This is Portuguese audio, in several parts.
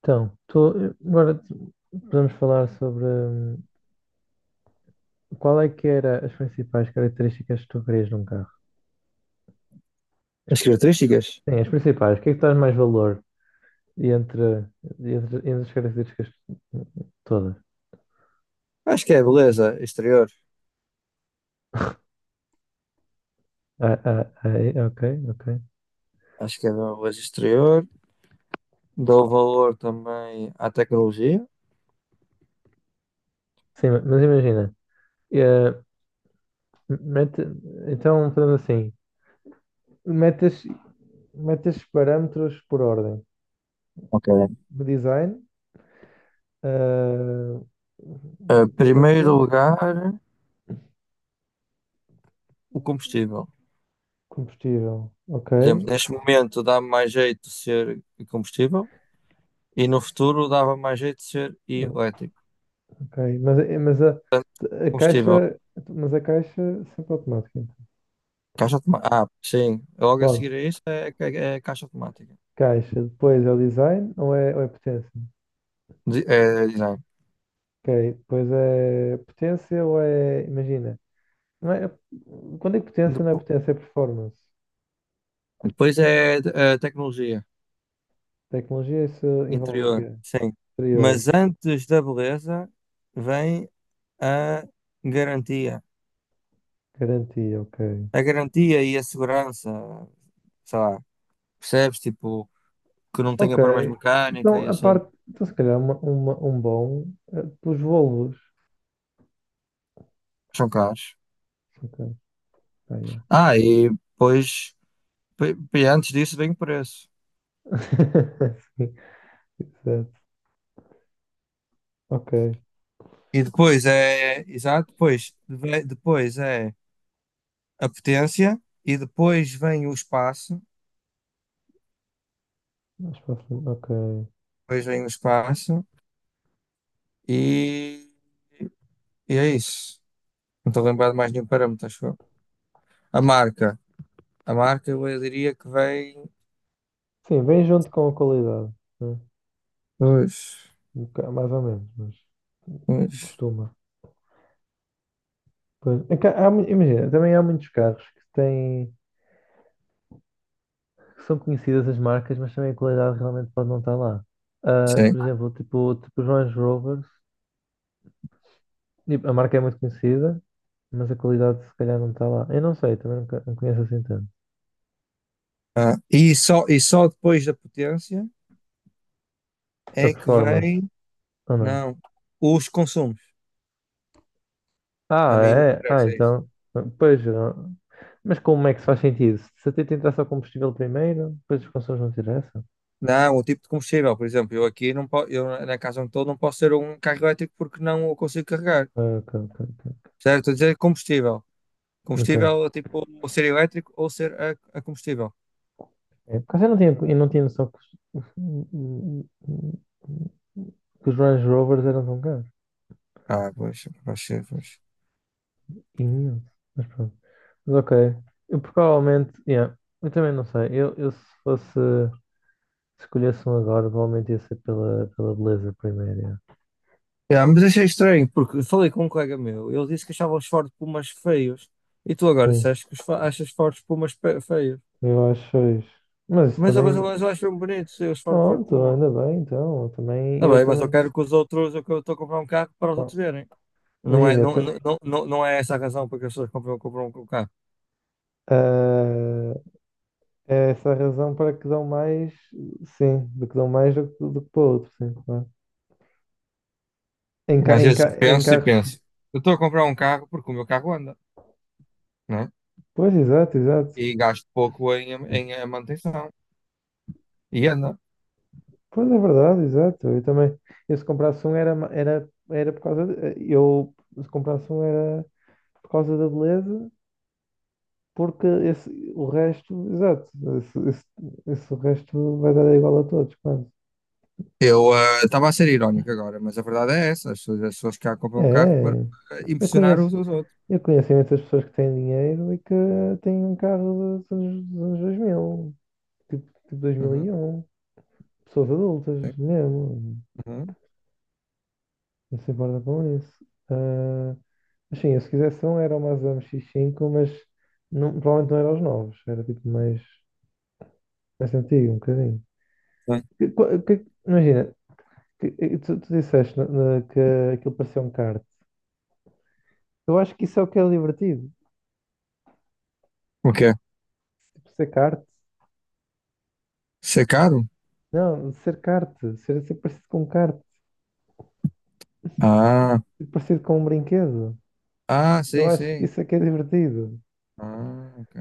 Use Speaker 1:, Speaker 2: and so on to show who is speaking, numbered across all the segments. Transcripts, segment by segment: Speaker 1: Então, agora podemos falar sobre qual é que era as principais características que tu querias num carro? As-
Speaker 2: As características?
Speaker 1: Sim, as principais. O que é que traz mais valor e entre, entre as características todas?
Speaker 2: Acho que é a beleza exterior.
Speaker 1: Ah, ok, ok.
Speaker 2: Acho que é a beleza exterior. Dou valor também à tecnologia.
Speaker 1: Sim, mas imagina, eh, mete, então fazemos assim, metes, metes parâmetros por ordem.
Speaker 2: Ok.
Speaker 1: Design, eh,
Speaker 2: Em primeiro
Speaker 1: potência,
Speaker 2: lugar, o combustível.
Speaker 1: combustível, ok.
Speaker 2: Por exemplo, neste momento dá mais jeito de ser combustível e no futuro dava mais jeito de ser elétrico.
Speaker 1: Ok, mas, a
Speaker 2: Combustível,
Speaker 1: caixa, mas a caixa sempre automática.
Speaker 2: caixa automática. Ah, sim, logo a
Speaker 1: Bom,
Speaker 2: seguir a isso é caixa automática.
Speaker 1: caixa, depois é o design ou é potência?
Speaker 2: É design.
Speaker 1: Ok, depois é potência ou é, imagina, não é, quando é que potência não é
Speaker 2: Depo-
Speaker 1: potência, é performance.
Speaker 2: Depois é tecnologia.
Speaker 1: Tecnologia, isso envolve o
Speaker 2: Interior,
Speaker 1: quê?
Speaker 2: sim.
Speaker 1: Exterior,
Speaker 2: Mas antes da beleza vem a garantia.
Speaker 1: garantia, ok.
Speaker 2: A garantia e a segurança, sei lá, percebes? Tipo, que não
Speaker 1: Ok,
Speaker 2: tenha problemas de mecânica e assim.
Speaker 1: então se calhar um bom pelos Volvos.
Speaker 2: São caros.
Speaker 1: Ok, ah, yeah.
Speaker 2: Ah, e depois, antes disso vem o preço.
Speaker 1: Sim, exato. Ok,
Speaker 2: E depois é, exato, depois, depois é a potência e depois vem o espaço.
Speaker 1: mais para a frente, ok.
Speaker 2: Depois vem o espaço e, e é isso. Não estou a lembrar de mais nenhum parâmetro, acho eu. A marca. A marca, eu diria que vem.
Speaker 1: Sim, vem junto com a qualidade, né?
Speaker 2: Pois,
Speaker 1: Mais ou menos, mas
Speaker 2: pois.
Speaker 1: costuma. Pois, é que imagina, também há muitos carros que têm, que são conhecidas as marcas, mas também a qualidade realmente pode não estar lá. Ah,
Speaker 2: Sim.
Speaker 1: por exemplo, tipo os Range Rovers, tipo, a marca é muito conhecida, mas a qualidade se calhar não está lá. Eu não sei, também não conheço assim tanto.
Speaker 2: Ah, e só depois da potência
Speaker 1: A
Speaker 2: é que
Speaker 1: performance,
Speaker 2: vem.
Speaker 1: ou não?
Speaker 2: Não. Os consumos. A
Speaker 1: Ah,
Speaker 2: mim não me
Speaker 1: é? Ah,
Speaker 2: interessa isso.
Speaker 1: então, pois, eu não. Mas como é que se faz sentido? Se até tentar só combustível primeiro, depois os consumos não interessam?
Speaker 2: Não, o tipo de combustível, por exemplo, eu aqui não posso, eu na casa onde estou não posso ter um carro elétrico porque não o consigo carregar.
Speaker 1: Ah, ok, ok, ok.
Speaker 2: Certo? Estou a dizer combustível.
Speaker 1: Ok.
Speaker 2: Combustível, tipo, ou ser elétrico ou ser a combustível.
Speaker 1: É, por acaso eu não tinha noção os, que os Range Rovers eram tão caros.
Speaker 2: Ah, pois, pois, pois.
Speaker 1: Imenso. Mas pronto. Mas ok. Eu provavelmente, yeah, eu também não sei. Eu se escolhesse um agora, provavelmente ia ser pela beleza primeiro. Yeah.
Speaker 2: Yeah, mas achei estranho, porque falei com um colega meu, ele disse que achava os Ford Pumas feios, e tu agora
Speaker 1: Sim,
Speaker 2: disseste que os achas Ford Pumas feios.
Speaker 1: eu acho isso. Mas isso
Speaker 2: Mas, eu- mas,
Speaker 1: também,
Speaker 2: eu- mas eu acho bem bonitos eu, os Ford, Ford
Speaker 1: pronto,
Speaker 2: Puma.
Speaker 1: ainda bem, então, eu também,
Speaker 2: Tá
Speaker 1: eu
Speaker 2: bem, mas eu
Speaker 1: também.
Speaker 2: quero que os outros, eu estou a comprar um carro para os
Speaker 1: Bom,
Speaker 2: outros verem. Não é,
Speaker 1: imagina,
Speaker 2: não,
Speaker 1: eu
Speaker 2: não, não, não não é essa a razão porque as pessoas compram um carro.
Speaker 1: também. É essa a razão para que dão mais, sim, do que dão mais do que para outro, sim, claro. Em, ca,
Speaker 2: Às
Speaker 1: em,
Speaker 2: vezes
Speaker 1: ca,
Speaker 2: eu
Speaker 1: em
Speaker 2: penso e
Speaker 1: carros.
Speaker 2: penso, eu estou a comprar um carro porque o meu carro anda, né?
Speaker 1: Pois, exato, exato.
Speaker 2: E gasto pouco em, em manutenção. Ia, não.
Speaker 1: Pois é verdade, exato. Eu também. Eu se comprasse um era por causa de, eu se comprasse um era por causa da beleza, porque esse, o resto, exato, esse, esse, esse resto vai dar igual a todos, quase.
Speaker 2: Eu eh, estava a ser irónico agora, mas a verdade é essa. As pessoas cá
Speaker 1: É,
Speaker 2: compram um carro para
Speaker 1: é.
Speaker 2: eh,
Speaker 1: eu
Speaker 2: impressionar
Speaker 1: conheço,
Speaker 2: uns aos outros.
Speaker 1: eu conheço imensas pessoas que têm dinheiro e que têm um carro dos anos 2000. Tipo
Speaker 2: Uhum,
Speaker 1: 2001. Pessoas
Speaker 2: sim,
Speaker 1: adultas, mesmo.
Speaker 2: uhum,
Speaker 1: Não se importa com isso. Ah, mas sim, eu se quisesse um era o Mazda MX-5, mas não, provavelmente não era os novos. Era tipo mais antigo, um bocadinho.
Speaker 2: sim.
Speaker 1: Imagina, que tu disseste que aquilo parecia um kart. Eu acho que isso é o que é divertido.
Speaker 2: O quê?
Speaker 1: Tipo, ser kart.
Speaker 2: Ser caro?
Speaker 1: Não, ser kart. Ser parecido com um kart.
Speaker 2: Ah,
Speaker 1: Ser parecido com um brinquedo.
Speaker 2: ah,
Speaker 1: Eu
Speaker 2: sim,
Speaker 1: acho que
Speaker 2: sim.
Speaker 1: isso é que é divertido.
Speaker 2: Ah, ok.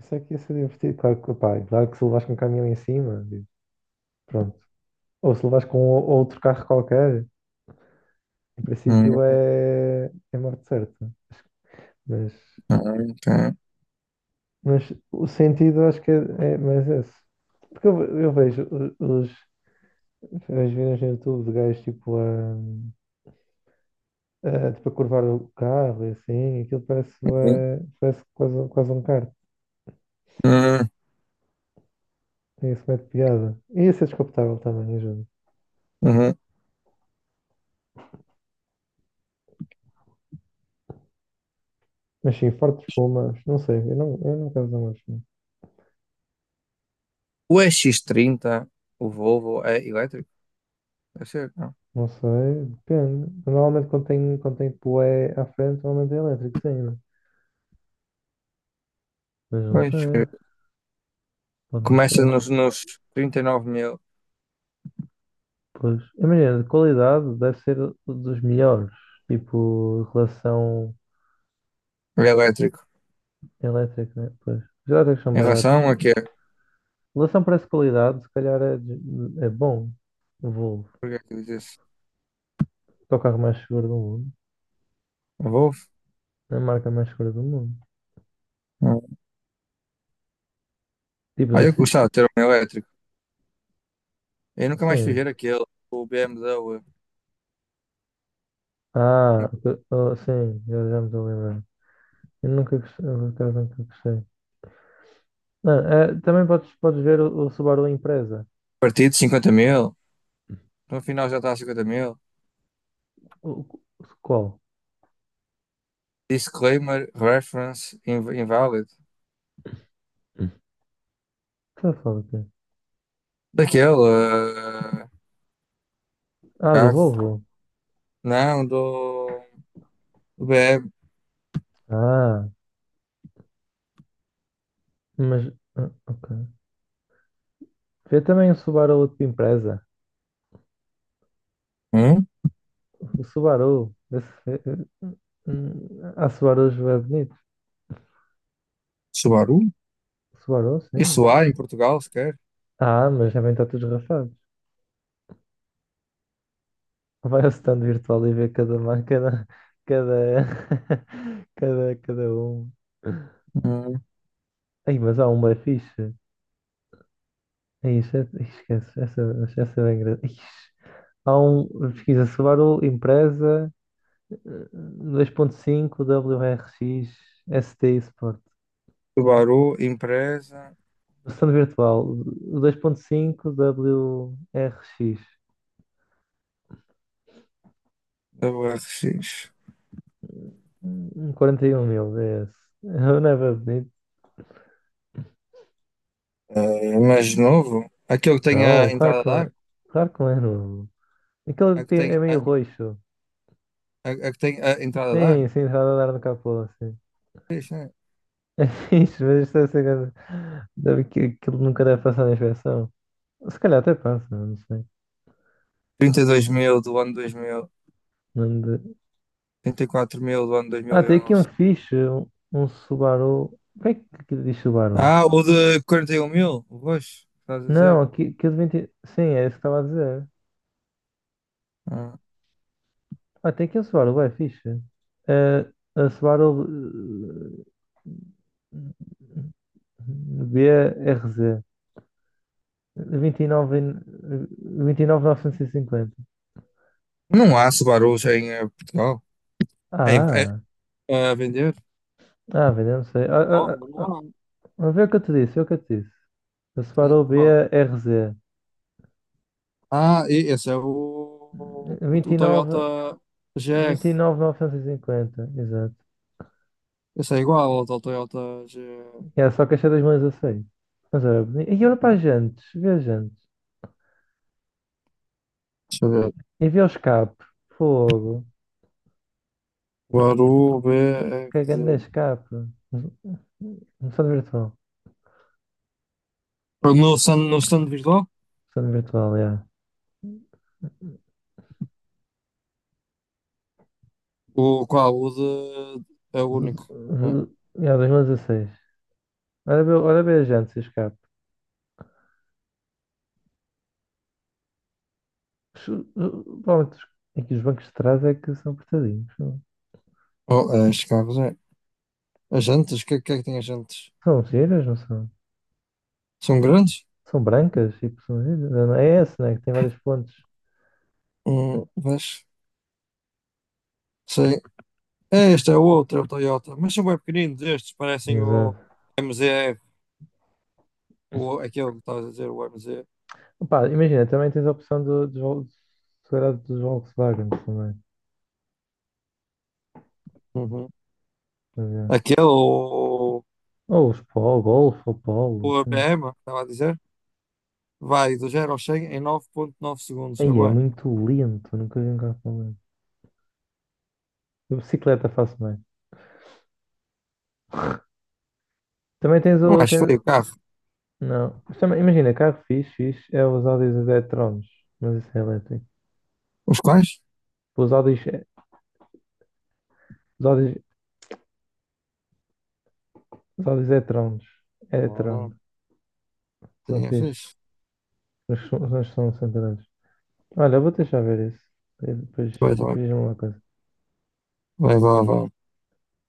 Speaker 1: Isso aqui ia ser divertido, claro que, pá, claro que se levas com um caminhão em cima, pronto. Ou se levas com outro carro qualquer, em
Speaker 2: Hum,
Speaker 1: princípio é morte certa. Mas,
Speaker 2: ah, ok.
Speaker 1: mas o sentido acho que é mais esse. Porque eu vejo os as vídeos no YouTube de gajos tipo a curvar o carro e assim, aquilo parece,
Speaker 2: Uhum,
Speaker 1: parece quase, quase um kart.
Speaker 2: uhum,
Speaker 1: Tem esse método de piada. E esse é descapotável também, ajuda.
Speaker 2: uhum.
Speaker 1: Mas sim, fortes fumas, não sei, eu não quero usar mais.
Speaker 2: O E X trinta, o Volvo, é elétrico? Deve ser, não.
Speaker 1: Não sei, depende. Normalmente quando tem poé à frente, normalmente é elétrico, sim, né? Mas não
Speaker 2: Pois.
Speaker 1: sei, pode não
Speaker 2: Começa
Speaker 1: ser.
Speaker 2: nos 39 mil
Speaker 1: Pois, imagina, de qualidade deve ser dos melhores. Tipo, relação
Speaker 2: elétrico.
Speaker 1: elétrica, né? Pois, os elétricos são
Speaker 2: Em
Speaker 1: baratos.
Speaker 2: relação a quê?
Speaker 1: Relação preço-qualidade, se calhar é bom. O Volvo.
Speaker 2: Por que é que diz isso?
Speaker 1: É o carro mais seguro do mundo.
Speaker 2: A Volvo?
Speaker 1: É a marca mais segura do mundo.
Speaker 2: Não.
Speaker 1: Tipos
Speaker 2: Ah, eu
Speaker 1: assim,
Speaker 2: gostava de ter um elétrico. Eu nunca mais fui ver
Speaker 1: sim.
Speaker 2: aquele, o BMW,
Speaker 1: Ah,
Speaker 2: um
Speaker 1: oh, sim, já me estou a lembrar. Eu nunca gostei, eu por acaso nunca gostei. Não, também podes ver o Subaru Impreza.
Speaker 2: partido de 50 mil. No final já está a 50 mil.
Speaker 1: O, o- Qual?
Speaker 2: Disclaimer, reference, invalid.
Speaker 1: Hum. Está a falar do quê?
Speaker 2: Daquele eh,
Speaker 1: Ah, do
Speaker 2: carro.
Speaker 1: Volvo.
Speaker 2: Não, do BM.
Speaker 1: Ah, mas. Ah, ok. Vê também o Subaru de Impreza.
Speaker 2: Hum?
Speaker 1: O Subaru. Esse, há Subarus bem bonitos.
Speaker 2: Subaru?
Speaker 1: Subaru,
Speaker 2: Isso
Speaker 1: sim.
Speaker 2: há em Portugal, sequer?
Speaker 1: Ah, mas já vem todos rafados. Vai ao stand virtual e vê cada marca, cada, cada um.
Speaker 2: Hum.
Speaker 1: Ai, mas há uma fixe. É isso, esquece, essa é engraçada. Há um, pesquisa Subaru empresa 2.5 W R X S T Sport.
Speaker 2: Subaru, empresa,
Speaker 1: Versão virtual, o 2.5 W R X.
Speaker 2: WRX.
Speaker 1: Um 41.000, é esse. Eu Não é bem bonito?
Speaker 2: Eh, mas de novo, aquele que tem
Speaker 1: Não,
Speaker 2: a
Speaker 1: claro
Speaker 2: entrada a
Speaker 1: que não
Speaker 2: dar,
Speaker 1: é. Claro que não é novo. Aquele
Speaker 2: a que
Speaker 1: que
Speaker 2: tem
Speaker 1: é meio roxo.
Speaker 2: a que tem a entrada a dar,
Speaker 1: Sim, sim, está a andar no capô, sim.
Speaker 2: fixe, né?
Speaker 1: É fixe, mas isto deve ser grande. Aquilo nunca deve passar na inspeção. Se calhar até passa, não sei.
Speaker 2: 32 mil do ano 2000,
Speaker 1: Não de-
Speaker 2: 34 mil do ano
Speaker 1: Ah, tem aqui um
Speaker 2: 2011.
Speaker 1: fixe, um Subaru. Como é que aqui diz Subaru?
Speaker 2: Ah, o de 41 mil, o roxo, estás a
Speaker 1: Não,
Speaker 2: dizer?
Speaker 1: aqui de vinte. Sim, é isso que estava a dizer.
Speaker 2: Ah.
Speaker 1: Ah, tem aqui um Subaru, é fixe. É, a Subaru eh, B R Z 29, 29.950.
Speaker 2: Não há Subarus em eh, Portugal em, eh,
Speaker 1: Ah,
Speaker 2: a vender.
Speaker 1: ah, velho, eu não sei. Ah,
Speaker 2: Novo,
Speaker 1: ah,
Speaker 2: não
Speaker 1: ah,
Speaker 2: há.
Speaker 1: ah, a ver o que eu te disse, é o que eu te disse. A
Speaker 2: É,
Speaker 1: Subaru B
Speaker 2: qual?
Speaker 1: R BRZ
Speaker 2: Ah, esse é o, o
Speaker 1: 29.
Speaker 2: Toyota GR.
Speaker 1: Vinte e nove mil novecentos e cinquenta, exato.
Speaker 2: Esse é igual ao do Toyota GR.
Speaker 1: É só caixa 2016. Mas era bonito. E olha para as jantes, vê as jantes.
Speaker 2: Deixa eu ver.
Speaker 1: E vê o escape, fogo.
Speaker 2: Baru
Speaker 1: Que grande
Speaker 2: BRZ.
Speaker 1: escape. Versão virtual.
Speaker 2: No stand, no stand visual?
Speaker 1: Versão virtual, é.
Speaker 2: O qual? O de. É o único. Né?
Speaker 1: É 2016. Olha bem as jantes e o escape. Provavelmente aqui os bancos de trás é que são apertadinhos. São,
Speaker 2: Oh, as carros, é. As jantas? O que, é- que é que tem as jantas?
Speaker 1: são giras, não são?
Speaker 2: São grandes?
Speaker 1: São brancas, tipo, são giras. É esse, né? Que tem vários pontos.
Speaker 2: Vês? Sei. É, este é o outro, é o Toyota. Mas são bem pequeninos estes, parecem o
Speaker 1: Exato.
Speaker 2: m MZR. O, aquele que estavas a dizer, o MZ.
Speaker 1: Pá, imagina, também tens a opção se calhar dos Volkswagen também.
Speaker 2: Uhum.
Speaker 1: A ver.
Speaker 2: Aquele, o,
Speaker 1: Ou os Polo, Golf ou Polo,
Speaker 2: o
Speaker 1: assim.
Speaker 2: ABM, estava a dizer, vai do zero ao 100 em 9,9 segundos. É
Speaker 1: Aí é
Speaker 2: bom.
Speaker 1: muito lento, nunca vi um carro tão lento. A bicicleta faço bem. Também tens
Speaker 2: Não
Speaker 1: o.
Speaker 2: acho
Speaker 1: Tens.
Speaker 2: feio o carro.
Speaker 1: Não. Mas também, imagina, carro fixe, fixe é os Audis e-trons, mas isso é elétrico.
Speaker 2: Os quais?
Speaker 1: Os Audis, é, os Audis, os Audis e-trons, e-tron,
Speaker 2: Ah,
Speaker 1: são
Speaker 2: sim, é
Speaker 1: fixe,
Speaker 2: fixe.
Speaker 1: mas são centrais. Olha, eu vou deixar ver isso. E Depois,
Speaker 2: Vai,
Speaker 1: depois
Speaker 2: vai.
Speaker 1: diz-me uma coisa.
Speaker 2: Vai, vai, vai.